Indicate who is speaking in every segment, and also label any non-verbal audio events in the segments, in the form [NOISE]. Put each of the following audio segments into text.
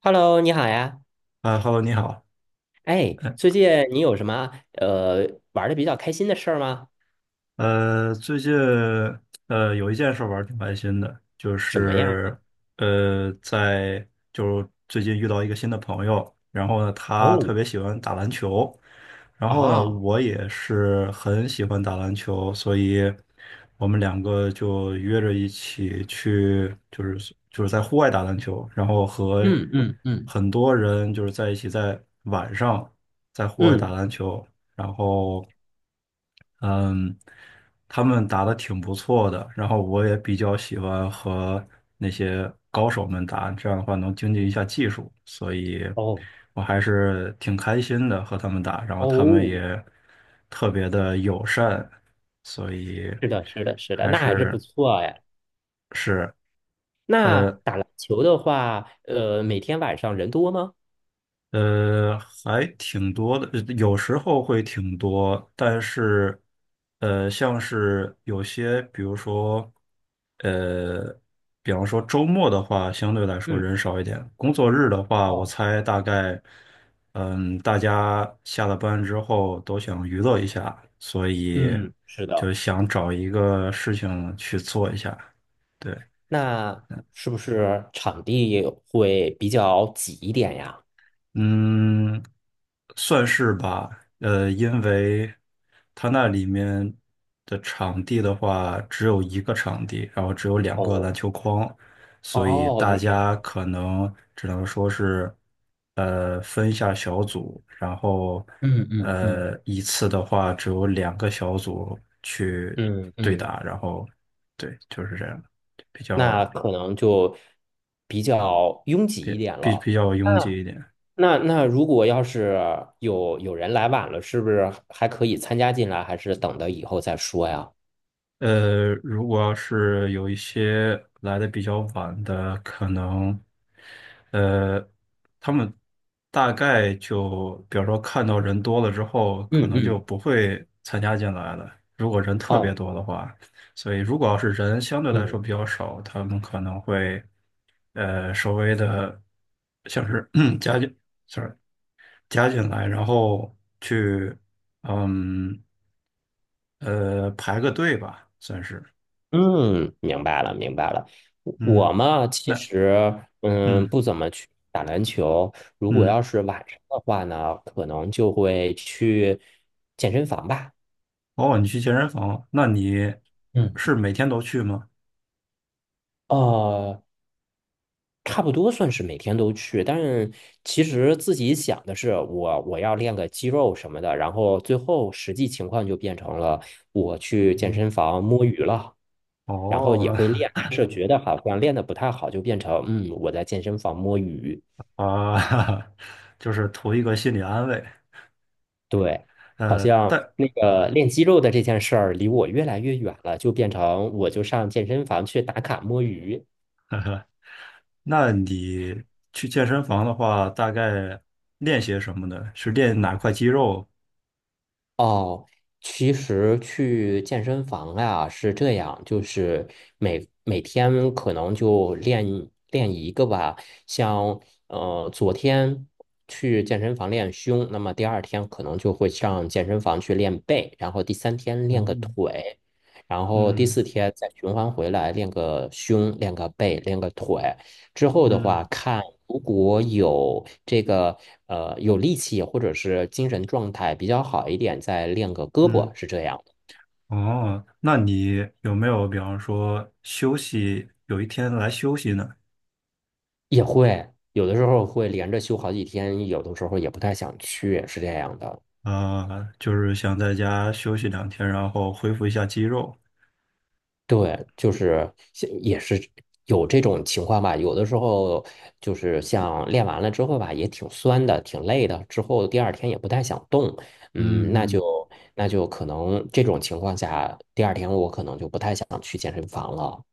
Speaker 1: Hello，你好呀。
Speaker 2: 啊，Hello，你好。
Speaker 1: 哎，最近你有什么玩的比较开心的事儿吗？
Speaker 2: 最近有一件事儿玩儿挺开心的，就
Speaker 1: 什么呀？
Speaker 2: 是呃在就是最近遇到一个新的朋友，然后呢他特
Speaker 1: 哦，
Speaker 2: 别喜欢打篮球，然后呢
Speaker 1: 啊，
Speaker 2: 我也是很喜欢打篮球，所以我们两个就约着一起去，就是在户外打篮球，然后和
Speaker 1: 嗯嗯嗯
Speaker 2: 很多人就是在一起在晚上在户外打
Speaker 1: 嗯，
Speaker 2: 篮球。然后嗯，他们打的挺不错的，然后我也比较喜欢和那些高手们打，这样的话能经济一下技术，所以
Speaker 1: 哦
Speaker 2: 我还是挺开心的和他们打，然后他们
Speaker 1: 哦，
Speaker 2: 也特别的友善，所以
Speaker 1: 是的，是的，是的，
Speaker 2: 还
Speaker 1: 那还是不
Speaker 2: 是
Speaker 1: 错哎。
Speaker 2: 是。
Speaker 1: 那
Speaker 2: 呃。
Speaker 1: 打篮球的话，呃，每天晚上人多吗？
Speaker 2: 呃，还挺多的，有时候会挺多，但是，呃，像是有些，比如说，呃，比方说周末的话，相对来说
Speaker 1: 嗯，
Speaker 2: 人少一点。工作日的话，我
Speaker 1: 哦，
Speaker 2: 猜大概，嗯，大家下了班之后都想娱乐一下，所以
Speaker 1: 嗯，是
Speaker 2: 就
Speaker 1: 的。
Speaker 2: 想找一个事情去做一下。对。
Speaker 1: 那是不是场地会比较挤一点呀？
Speaker 2: 嗯，算是吧。因为它那里面的场地的话，只有一个场地，然后只有两个篮
Speaker 1: 哦
Speaker 2: 球框，所以
Speaker 1: 哦，
Speaker 2: 大
Speaker 1: 那这
Speaker 2: 家
Speaker 1: 样。
Speaker 2: 可能只能说是，分一下小组，然后，
Speaker 1: 嗯嗯嗯
Speaker 2: 一次的话只有两个小组去
Speaker 1: 嗯
Speaker 2: 对
Speaker 1: 嗯，
Speaker 2: 打，然后，对，就是这样，比较
Speaker 1: 那可能就比较拥挤一点
Speaker 2: 比
Speaker 1: 了。
Speaker 2: 较拥挤一点。
Speaker 1: 那如果要是有人来晚了，是不是还可以参加进来，还是等到以后再说呀？
Speaker 2: 如果要是有一些来的比较晚的，可能，呃，他们大概就，比如说看到人多了之后，可
Speaker 1: 嗯
Speaker 2: 能就
Speaker 1: 嗯，
Speaker 2: 不会参加进来了。如果人特别
Speaker 1: 哦，
Speaker 2: 多的话，所以如果要是人相对来
Speaker 1: 嗯
Speaker 2: 说比较少，他们可能会，稍微的，像是 [CLEARS THROAT] 加进，sorry，加进来，然后去，嗯，排个队吧，算是，
Speaker 1: 嗯，明白了明白了。我
Speaker 2: 嗯。
Speaker 1: 嘛，其
Speaker 2: 那
Speaker 1: 实嗯
Speaker 2: 嗯
Speaker 1: 不怎么去打篮球，如果
Speaker 2: 嗯，
Speaker 1: 要是晚上的话呢，可能就会去健身房吧。
Speaker 2: 哦，你去健身房那你
Speaker 1: 嗯。
Speaker 2: 是每天都去吗？
Speaker 1: 哦，差不多算是每天都去，但是其实自己想的是我要练个肌肉什么的，然后最后实际情况就变成了我去健
Speaker 2: 嗯，
Speaker 1: 身房摸鱼了，然后也
Speaker 2: 哦
Speaker 1: 会练，但是觉得好像练得不太好，就变成嗯我在健身房摸鱼，
Speaker 2: [LAUGHS] 啊，[LAUGHS] 就是图一个心理安慰。
Speaker 1: 对，好
Speaker 2: 呃，
Speaker 1: 像
Speaker 2: 但
Speaker 1: 那个练肌肉的这件事儿离我越来越远了，就变成我就上健身房去打卡摸鱼。
Speaker 2: 那你去健身房的话，大概练些什么呢？是练哪块肌肉？
Speaker 1: 哦，其实去健身房啊是这样，就是每天可能就练练一个吧，像昨天去健身房练胸，那么第二天可能就会上健身房去练背，然后第三天练个
Speaker 2: 嗯
Speaker 1: 腿，然后第
Speaker 2: 嗯
Speaker 1: 四天再循环回来练个胸、练个背、练个腿。之后的
Speaker 2: 嗯
Speaker 1: 话，看如果有这个有力气或者是精神状态比较好一点，再练个胳膊
Speaker 2: 嗯，
Speaker 1: 是这样的，
Speaker 2: 哦，那你有没有比方说休息，有一天来休息呢？
Speaker 1: 也会有的时候会连着休好几天，有的时候也不太想去，是这样的。
Speaker 2: 啊、就是想在家休息两天，然后恢复一下肌肉。
Speaker 1: 对，就是像也是有这种情况吧。有的时候就是像练完了之后吧，也挺酸的，挺累的，之后第二天也不太想动。嗯，
Speaker 2: 嗯
Speaker 1: 那
Speaker 2: 嗯，
Speaker 1: 就那就可能这种情况下，第二天我可能就不太想去健身房了。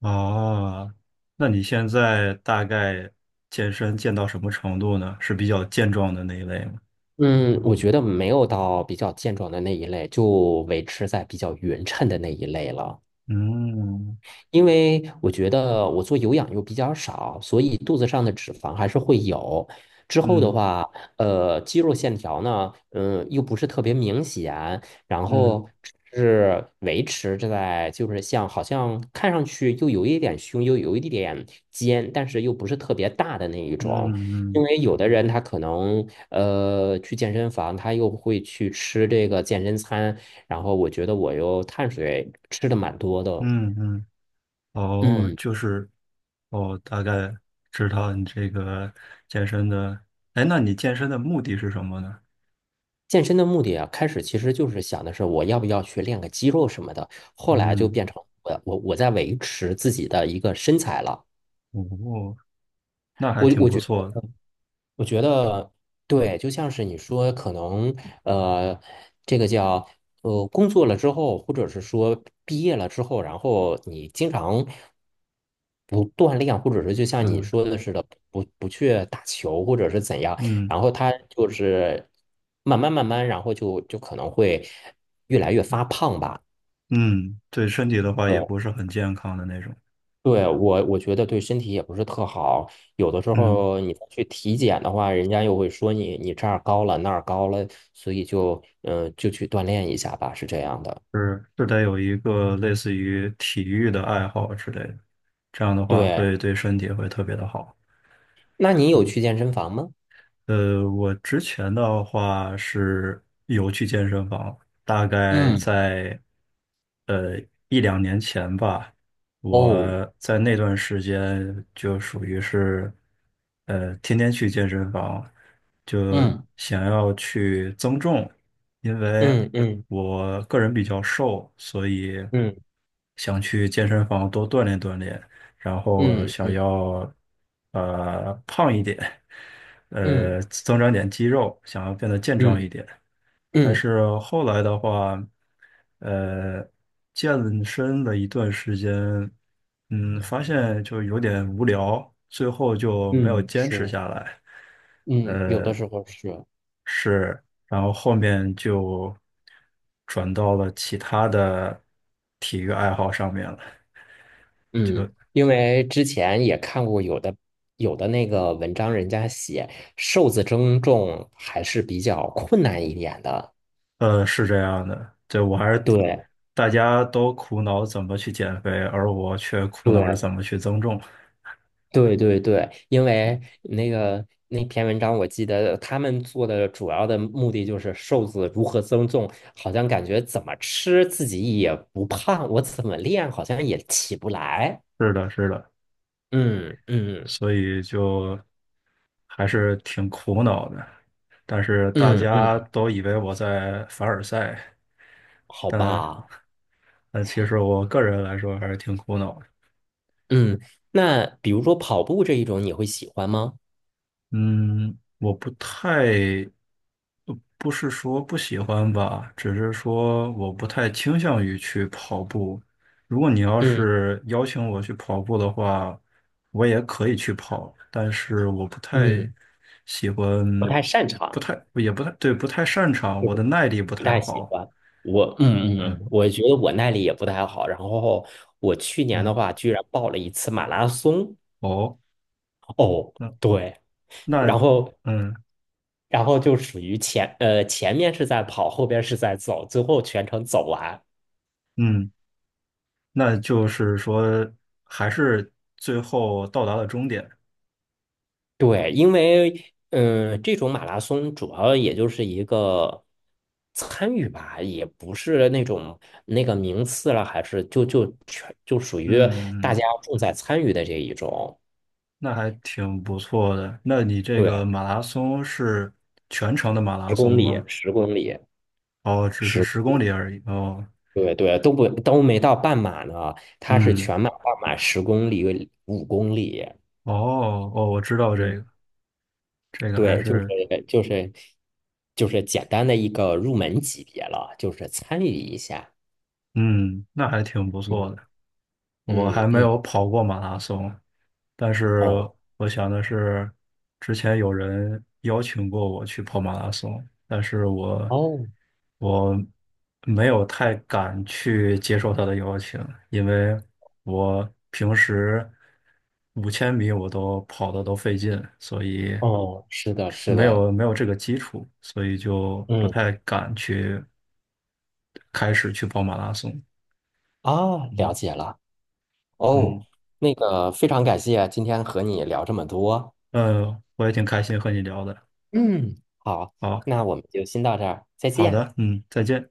Speaker 2: 哦，那你现在大概健身健到什么程度呢？是比较健壮的那一类吗？
Speaker 1: 嗯，我觉得没有到比较健壮的那一类，就维持在比较匀称的那一类了。
Speaker 2: 嗯
Speaker 1: 因为我觉得我做有氧又比较少，所以肚子上的脂肪还是会有。之后的
Speaker 2: 嗯
Speaker 1: 话，呃，肌肉线条呢，嗯，又不是特别明显，然
Speaker 2: 嗯
Speaker 1: 后是维持着在就是像好像看上去又有一点胸，又有一点肩，但是又不是特别大的那一种。
Speaker 2: 嗯
Speaker 1: 因
Speaker 2: 嗯
Speaker 1: 为有的人他可能去健身房，他又会去吃这个健身餐，然后我觉得我又碳水吃的蛮多的，
Speaker 2: 嗯嗯，哦，
Speaker 1: 嗯。
Speaker 2: 哦，大概知道你这个健身的，哎，那你健身的目的是什么呢？
Speaker 1: 健身的目的啊，开始其实就是想的是我要不要去练个肌肉什么的，后来就
Speaker 2: 嗯，
Speaker 1: 变成我在维持自己的一个身材了。
Speaker 2: 哦，那还
Speaker 1: 我
Speaker 2: 挺
Speaker 1: 我
Speaker 2: 不
Speaker 1: 觉
Speaker 2: 错的，
Speaker 1: 我觉得对，就像是你说，可能呃，这个叫，工作了之后，或者是说毕业了之后，然后你经常不锻炼，或者是就像你
Speaker 2: 嗯
Speaker 1: 说的似的，不去打球，或者是怎样，
Speaker 2: 嗯
Speaker 1: 然后他就是慢慢慢慢，然后就可能会越来越发胖吧。
Speaker 2: 嗯，对身体的话也不是很健康的那种，
Speaker 1: 对，我觉得对身体也不是特好，有的时
Speaker 2: 嗯。
Speaker 1: 候你再去体检的话，人家又会说你这儿高了那儿高了，所以就去锻炼一下吧，是这样的。
Speaker 2: 是是得有一个类似于体育的爱好之类的，这样的话
Speaker 1: 对，
Speaker 2: 会对身体会特别的好。
Speaker 1: 那你有
Speaker 2: 嗯，
Speaker 1: 去健身房吗？
Speaker 2: 我之前的话是有去健身房，大概
Speaker 1: 嗯
Speaker 2: 在一两年前吧，
Speaker 1: 哦，
Speaker 2: 我在那段时间就属于是，天天去健身房，就
Speaker 1: 嗯，
Speaker 2: 想要去增重，因为
Speaker 1: 嗯嗯
Speaker 2: 我个人比较瘦，所以
Speaker 1: 嗯
Speaker 2: 想去健身房多锻炼锻炼，然后
Speaker 1: 嗯
Speaker 2: 想
Speaker 1: 嗯
Speaker 2: 要胖一点，
Speaker 1: 嗯
Speaker 2: 增长点肌肉，想要变得健壮一
Speaker 1: 嗯
Speaker 2: 点。但
Speaker 1: 嗯
Speaker 2: 是后来的话，呃，健身了一段时间，嗯，发现就有点无聊，最后就没有
Speaker 1: 嗯，
Speaker 2: 坚持
Speaker 1: 是，
Speaker 2: 下来。
Speaker 1: 嗯，有的时候是。
Speaker 2: 是，然后后面就转到了其他的体育爱好上面了。
Speaker 1: 嗯，因为之前也看过有的那个文章，人家写瘦子增重还是比较困难一点的。
Speaker 2: 是这样的，对，我还是
Speaker 1: 对
Speaker 2: 大家都苦恼怎么去减肥，而我却苦恼着
Speaker 1: 对
Speaker 2: 怎么去增重。
Speaker 1: 对对对，因为那个那篇文章，我记得他们做的主要的目的就是瘦子如何增重，好像感觉怎么吃自己也不胖，我怎么练好像也起不来。
Speaker 2: 是的，是的，
Speaker 1: 嗯嗯
Speaker 2: 所以就还是挺苦恼的。但是大
Speaker 1: 嗯
Speaker 2: 家
Speaker 1: 嗯，
Speaker 2: 都以为我在凡尔赛，
Speaker 1: 好
Speaker 2: 但
Speaker 1: 吧，
Speaker 2: 但其实我个人来说还是挺苦恼的。
Speaker 1: 嗯，那比如说跑步这一种，你会喜欢吗？
Speaker 2: 嗯，我不太，不是说不喜欢吧，只是说我不太倾向于去跑步。如果你要
Speaker 1: 嗯
Speaker 2: 是邀请我去跑步的话，我也可以去跑，但是我不太
Speaker 1: 嗯，
Speaker 2: 喜欢，
Speaker 1: 不太擅
Speaker 2: 不
Speaker 1: 长，
Speaker 2: 太，也不太，对，不太擅长，
Speaker 1: 就
Speaker 2: 我
Speaker 1: 是
Speaker 2: 的耐力不
Speaker 1: 不
Speaker 2: 太
Speaker 1: 太喜
Speaker 2: 好。
Speaker 1: 欢。我嗯嗯
Speaker 2: 嗯
Speaker 1: 嗯，我觉得我耐力也不太好。然后我去年的
Speaker 2: 嗯，
Speaker 1: 话，居然报了一次马拉松。
Speaker 2: 哦。
Speaker 1: 哦，对，然
Speaker 2: 那
Speaker 1: 后
Speaker 2: 嗯
Speaker 1: 然后就属于前面是在跑，后边是在走，最后全程走完。
Speaker 2: 嗯，那就是说，还是最后到达了终点。
Speaker 1: 对，因为嗯，这种马拉松主要也就是一个参与吧，也不是那种那个名次了，还是就属于大
Speaker 2: 嗯，
Speaker 1: 家重在参与的这一种。
Speaker 2: 那还挺不错的。那你这个
Speaker 1: 对，
Speaker 2: 马拉松是全程的马拉
Speaker 1: 十公
Speaker 2: 松
Speaker 1: 里，
Speaker 2: 吗？
Speaker 1: 十公里，
Speaker 2: 哦，只是
Speaker 1: 十，
Speaker 2: 10公里而已。哦，
Speaker 1: 对对，都没到半马呢，它是
Speaker 2: 嗯，
Speaker 1: 全马、半马、十公里、5公里。
Speaker 2: 哦哦，我知道这
Speaker 1: 嗯，
Speaker 2: 个，这个还
Speaker 1: 对，
Speaker 2: 是
Speaker 1: 就是就是简单的一个入门级别了，就是参与一下。
Speaker 2: 嗯，那还挺不错
Speaker 1: 嗯
Speaker 2: 的。我还
Speaker 1: 嗯
Speaker 2: 没
Speaker 1: 嗯。
Speaker 2: 有跑过马拉松，但是
Speaker 1: 哦
Speaker 2: 我想的是，之前有人邀请过我去跑马拉松，但是我
Speaker 1: 哦
Speaker 2: 我没有太敢去接受他的邀请，因为我平时5000米我都跑的都费劲，所以
Speaker 1: 哦，是的，是的，
Speaker 2: 没有这个基础，所以就不
Speaker 1: 嗯
Speaker 2: 太敢去开始去跑马拉松。
Speaker 1: 啊，了
Speaker 2: 嗯。
Speaker 1: 解了。哦，
Speaker 2: 嗯。
Speaker 1: 那个非常感谢今天和你聊这么多。
Speaker 2: 我也挺开心和你聊的。
Speaker 1: 嗯，好，
Speaker 2: 好，
Speaker 1: 那我们就先到这儿，再
Speaker 2: 好
Speaker 1: 见。
Speaker 2: 的，嗯，再见。